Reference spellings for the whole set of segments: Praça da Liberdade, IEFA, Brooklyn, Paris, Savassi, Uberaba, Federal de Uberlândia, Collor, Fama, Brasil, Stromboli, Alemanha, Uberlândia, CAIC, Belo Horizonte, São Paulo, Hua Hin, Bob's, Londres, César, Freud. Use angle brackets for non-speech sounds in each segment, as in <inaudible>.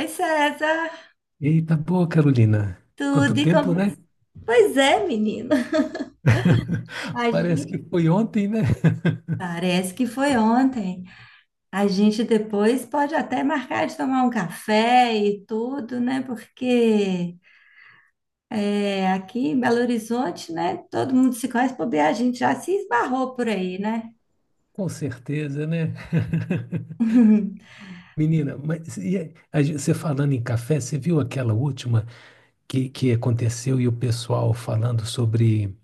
Oi, César, Eita, boa, Carolina. tudo Quanto e tempo, como... né? Pois é, menino. <laughs> A Parece que gente... foi ontem, né? <laughs> Parece que foi ontem. A gente depois pode até marcar de tomar um café e tudo, né? Porque é, aqui em Belo Horizonte, né? Todo mundo se conhece, bobear, a gente já se esbarrou por aí, né? Com certeza, né? <laughs> <laughs> Menina, mas e aí, a gen- você falando em café, você viu aquela última que aconteceu e o pessoal falando sobre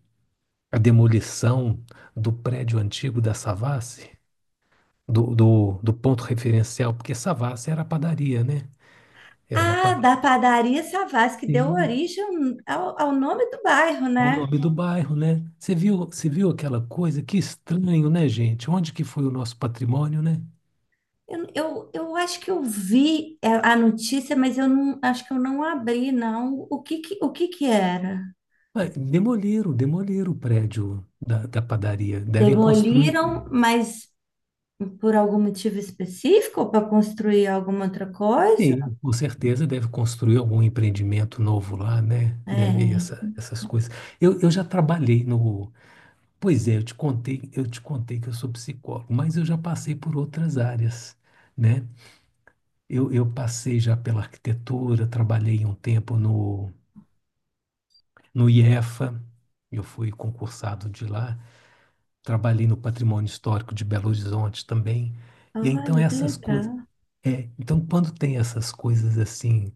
a demolição do prédio antigo da Savassi, do ponto referencial, porque Savassi era padaria, né? Era uma Ah, da padaria Savassi, que deu padaria. origem ao, ao nome do bairro, É o né? nome do bairro, né? Você viu aquela coisa? Que estranho, né, gente? Onde que foi o nosso patrimônio, né? Eu acho que eu vi a notícia, mas eu não acho que eu não abri, não. O que que era? Ah, demoliram, demoliram o prédio da padaria. Devem construir. Demoliram, mas por algum motivo específico ou para construir alguma outra coisa? Sim, com certeza deve construir algum empreendimento novo lá, né? Deve É. essa, essas coisas. Eu já trabalhei no. Pois é, eu te contei que eu sou psicólogo, mas eu já passei por outras áreas, né? Eu passei já pela arquitetura, trabalhei um tempo no IEFA, eu fui concursado de lá, trabalhei no Patrimônio Histórico de Belo Horizonte também. E então Olha, que essas coisas, legal. Então quando tem essas coisas assim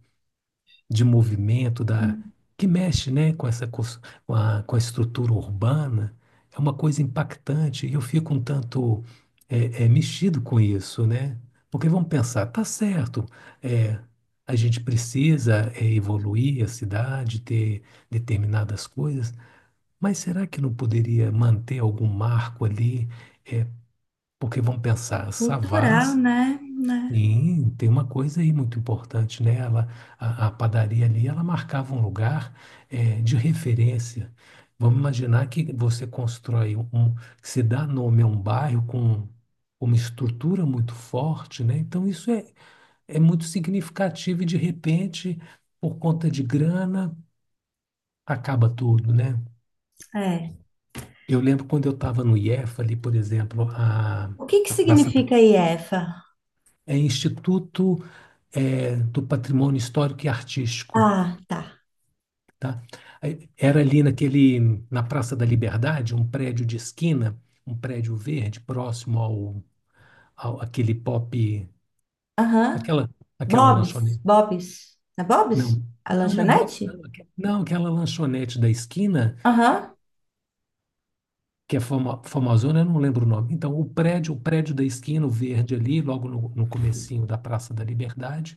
de movimento da que mexe, né, com essa cos- com a estrutura urbana, é uma coisa impactante e eu fico um tanto mexido com isso, né? Porque vamos pensar, tá certo, é, a gente precisa evoluir a cidade, ter determinadas coisas, mas será que não poderia manter algum marco ali? É, porque vão pensar, Cultural, Savassi, né? Né? sim, tem uma coisa aí muito importante, né? Ela, a padaria ali, ela marcava um lugar de referência. Vamos imaginar que você constrói que se dá nome a um bairro com uma estrutura muito forte, né? Então isso é muito significativo e de repente, por conta de grana, acaba tudo, né? É. Eu lembro quando eu estava no IEF ali, por exemplo, O que a que Praça significa IEFA? é Instituto do Patrimônio Histórico e Artístico, Ah, tá. tá? Aí, era ali naquele na Praça da Liberdade, um prédio de esquina, um prédio verde próximo ao aquele pop, Aham. aquela aquela Bob's, lanchonete. Bob's. É Não, Bob's? A não, não é Bob's, lanchonete? não, aque- não, aquela lanchonete da esquina Aham. que é Fama, famosona, eu não lembro o nome. Então, o prédio da esquina, o verde ali, logo no comecinho da Praça da Liberdade,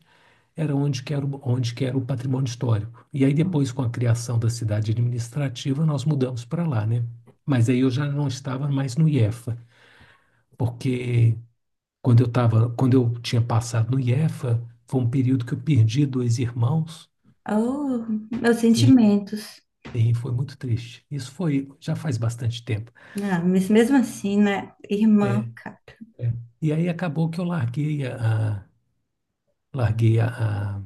era onde que era, o- onde que era o patrimônio histórico. E aí depois, com a criação da cidade administrativa, nós mudamos para lá, né? Mas aí eu já não estava mais no IEFA, porque quando eu tinha passado no IEFA, foi um período que eu perdi dois irmãos. Oh, meus Sim, sentimentos. sim, foi muito triste. Isso foi, já faz bastante tempo. Ah, mas mesmo assim, né? Irmã, É, cara. é. E aí acabou que eu larguei a- larguei a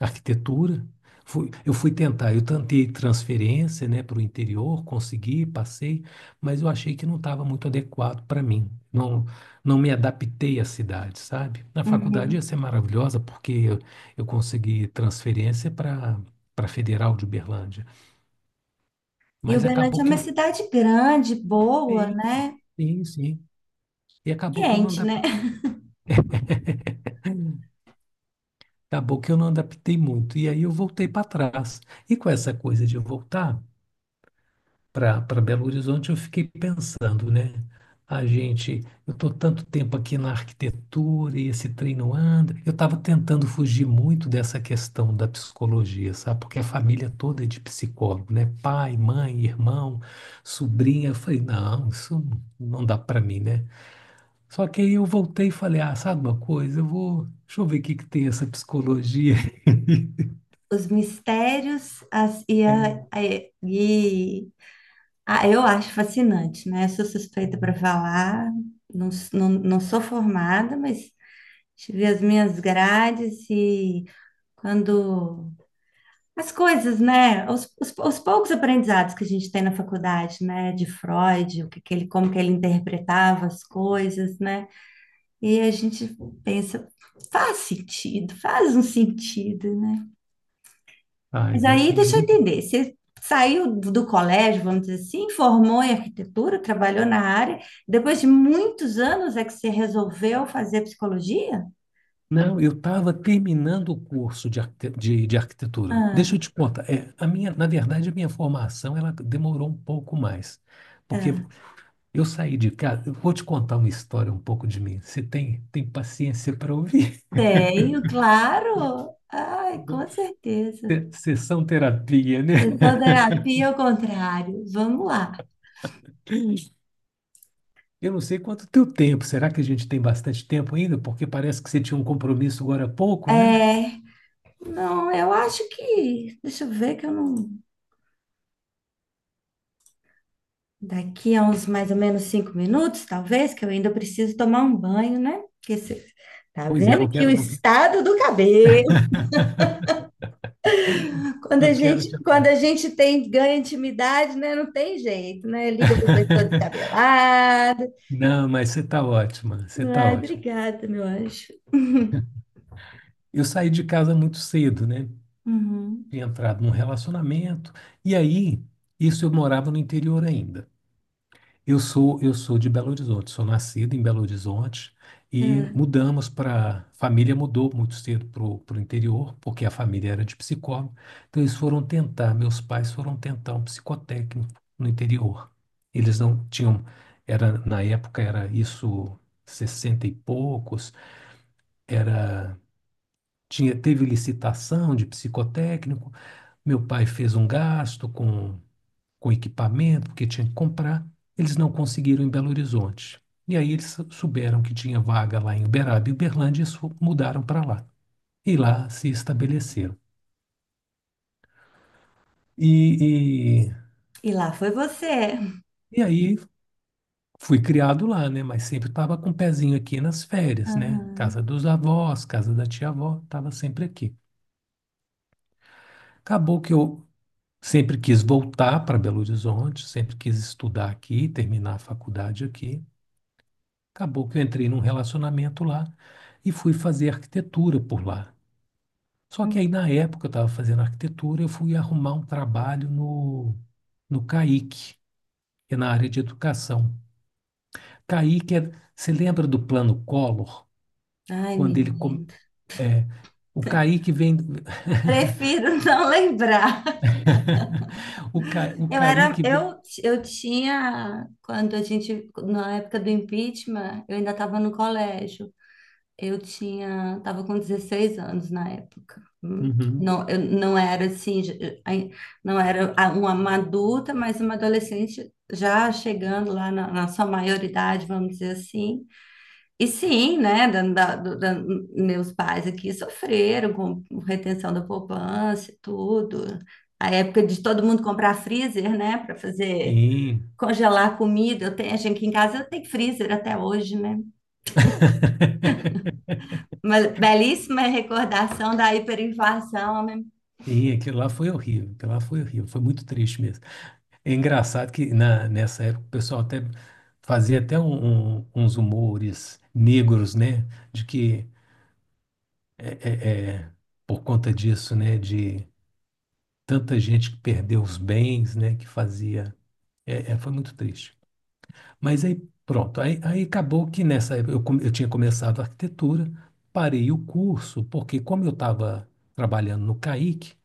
arquitetura. Fui, eu tentei transferência, né, para o interior, consegui, passei, mas eu achei que não estava muito adequado para mim. Não, não me adaptei à cidade, sabe? Na faculdade ia Uhum. ser maravilhosa, porque eu consegui transferência para Federal de Uberlândia, E mas Uberlândia acabou é que uma eu cidade grande, boa, sim, né? sim, sim. E acabou que eu não Quente, né? adaptei, acabou que eu não adaptei muito. E aí eu voltei para trás. E com essa coisa de voltar para Belo Horizonte, eu fiquei pensando, né? A gente, eu estou tanto tempo aqui na arquitetura e esse trem não anda. Eu estava tentando fugir muito dessa questão da psicologia, sabe? Porque a família toda é de psicólogo, né? Pai, mãe, irmão, sobrinha. Eu falei, não, isso não dá para mim, né? Só que aí eu voltei e falei, ah, sabe uma coisa? Eu vou, deixa eu ver o que que tem essa psicologia. <laughs> Os mistérios as, e, É. a- e ah, eu acho fascinante, né? Sou suspeita para falar, não, não, não sou formada, mas tive as minhas grades e quando as coisas, né? Os poucos aprendizados que a gente tem na faculdade, né? De Freud, o que, que ele, como que ele interpretava as coisas, né? E a gente pensa, faz sentido, faz um sentido, né? Mas Mas aí é deixa eu muito. entender, você saiu do colégio, vamos dizer assim, formou em arquitetura, trabalhou na área, depois de muitos anos é que você resolveu fazer psicologia? Não, eu estava terminando o curso arquite- de arquitetura. Ah, Deixa eu te contar. É, a minha formação ela demorou um pouco mais, porque ah, eu saí de casa. Eu vou te contar uma história um pouco de mim. Você tem paciência para ouvir? tenho, claro. Ai, com <laughs> certeza. Se- sessão terapia, né? Sessão terapia ao contrário. Vamos lá. <laughs> Eu não sei quanto teu tempo. Será que a gente tem bastante tempo ainda? Porque parece que você tinha um compromisso agora há pouco, né? É, não, eu acho que. Deixa eu ver que eu não. Daqui a uns mais ou menos 5 minutos, talvez, que eu ainda preciso tomar um banho, né? Porque você tá Pois é, vendo que o estado do cabelo. <laughs> Quando a não quero gente, te quando atrasar. a gente tem ganha intimidade, né? Não tem jeito, né? Liga pro pessoa <laughs> descabelada. Não, mas você está ótima. Você está Ai, ótima. obrigada, meu anjo. Eu saí de casa muito cedo, né? Uhum. Tinha entrado num relacionamento. E aí, isso eu morava no interior ainda. Eu sou de Belo Horizonte, sou nascido em Belo Horizonte e É. mudamos para. Família mudou muito cedo para o interior, porque a família era de psicólogo. Então, meus pais foram tentar um psicotécnico no interior. Eles não tinham. Na época, era isso, 60 e poucos, era tinha, teve licitação de psicotécnico. Meu pai fez um gasto com equipamento, porque tinha que comprar. Eles não conseguiram em Belo Horizonte. E aí eles souberam que tinha vaga lá em Uberaba e Uberlândia e su- mudaram para lá. E lá se estabeleceram. E, e, E lá foi você. e aí fui criado lá, né? Mas sempre estava com o pezinho aqui nas férias, né? Casa Uhum. dos avós, casa da tia-avó, estava sempre aqui. Acabou que eu sempre quis voltar para Belo Horizonte, sempre quis estudar aqui, terminar a faculdade aqui. Acabou que eu entrei num relacionamento lá e fui fazer arquitetura por lá. Só que aí, na época, eu estava fazendo arquitetura, eu fui arrumar um trabalho no CAIC, que é na área de educação. CAIC é, você lembra do plano Collor? Ai, Quando ele, com- menina. é, o CAIC vem, Prefiro <laughs> não lembrar. <laughs> o Eu era, CAIC vem, eu tinha, quando a gente, na época do impeachment, eu ainda estava no colégio. Eu tinha, estava com 16 anos na época. Uhum, Não, eu não era assim, não era uma adulta, mas uma adolescente já chegando lá na, na sua maioridade, vamos dizer assim. E sim, né, meus pais aqui sofreram com retenção da poupança e tudo. A época de todo mundo comprar freezer, né, para fazer sim. congelar comida. Eu tenho, a gente aqui em casa eu tenho freezer até hoje, né? <laughs> Uma belíssima recordação da hiperinflação, né? Sim, aquilo lá foi horrível, foi muito triste mesmo. É engraçado que na, nessa época o pessoal até fazia até uns humores negros, né? De que é, é- é, por conta disso, né? De tanta gente que perdeu os bens, né? Que fazia. É, foi muito triste. Mas aí pronto, aí acabou que nessa época eu, come- eu tinha começado a arquitetura, parei o curso, porque como eu estava trabalhando no CAIC,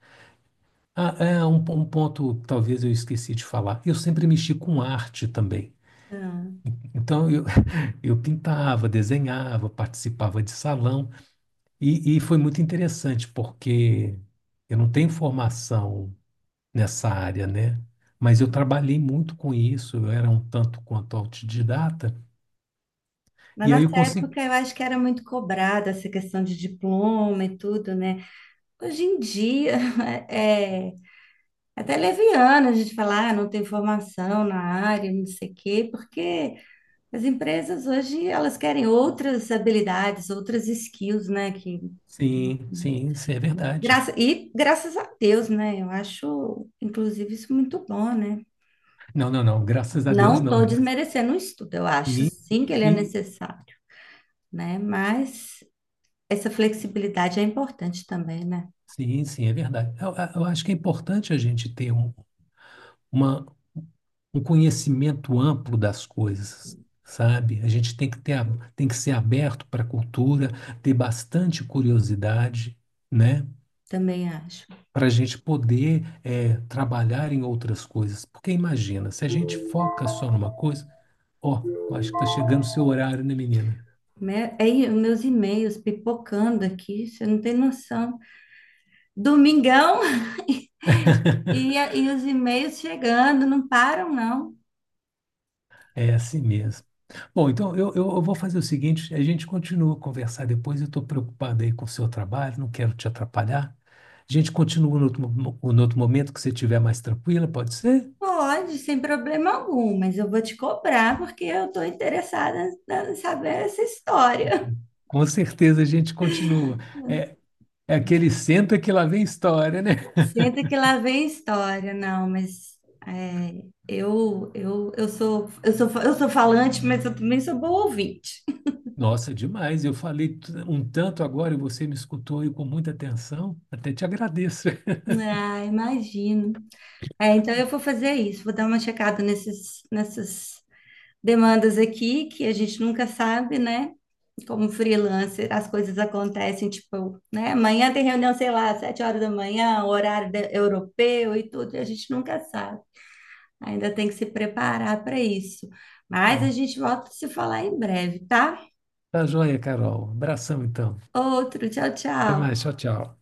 ah, é um, po- um ponto talvez eu esqueci de falar. Eu sempre mexi com arte também. Ah, Então eu, <laughs> eu pintava, desenhava, participava de salão e foi muito interessante porque eu não tenho formação nessa área, né? Mas eu trabalhei muito com isso. Eu era um tanto quanto autodidata na e aí eu nossa consegui. época, eu acho que era muito cobrada essa questão de diploma e tudo, né? Hoje em dia, <laughs> é até leviana a gente falar, ah, não tem formação na área, não sei o quê, porque as empresas hoje elas querem outras habilidades, outras skills, né? Que, Sim, sim, sim, é verdade. graça, e graças a Deus, né? Eu acho, inclusive, isso muito bom, né? Não, não, não. Graças a Deus, Não não. estou Graças... desmerecendo o estudo, eu acho Sim, sim que sim, ele é sim. necessário, né? Mas essa flexibilidade é importante também, né? Sim, sim, é verdade. Eu acho que é importante a gente ter uma, um conhecimento amplo das coisas, sabe? A gente tem que ter, a- tem que ser aberto para a cultura, ter bastante curiosidade, né? Também acho. Para a gente poder trabalhar em outras coisas. Porque imagina, se a gente foca só numa coisa, ó, acho que está chegando o seu horário, né, menina? É, meus e-mails pipocando aqui, você não tem noção. Domingão. <laughs> E, e os e-mails chegando, não param, não. É assim mesmo. Bom, então eu vou fazer o seguinte: a gente continua a conversar depois. Eu estou preocupado aí com o seu trabalho, não quero te atrapalhar. A gente continua no outro, mo- no outro momento que você estiver mais tranquila, pode ser? Pode, sem problema algum, mas eu vou te cobrar porque eu estou interessada em saber essa história. Com certeza a gente continua. É, é aquele senta que lá vem história, né? <laughs> Senta que lá vem história, não, mas é, eu sou falante, mas eu também sou boa ouvinte. Nossa, demais. Eu falei t- um tanto agora e você me escutou e com muita atenção. Até te agradeço. Ah, imagino. É, então eu vou fazer isso, vou dar uma checada nesses, nessas demandas aqui que a gente nunca sabe, né? Como freelancer, as coisas acontecem, tipo, né? Amanhã tem reunião, sei lá, 7 horas da manhã, horário europeu e tudo, e a gente nunca sabe. Ainda tem que se preparar para isso. Mas a <laughs> gente volta a se falar em breve, tá? Tá joia, Carol. Abração, então. Outro, tchau, Até tchau. mais. Tchau, tchau.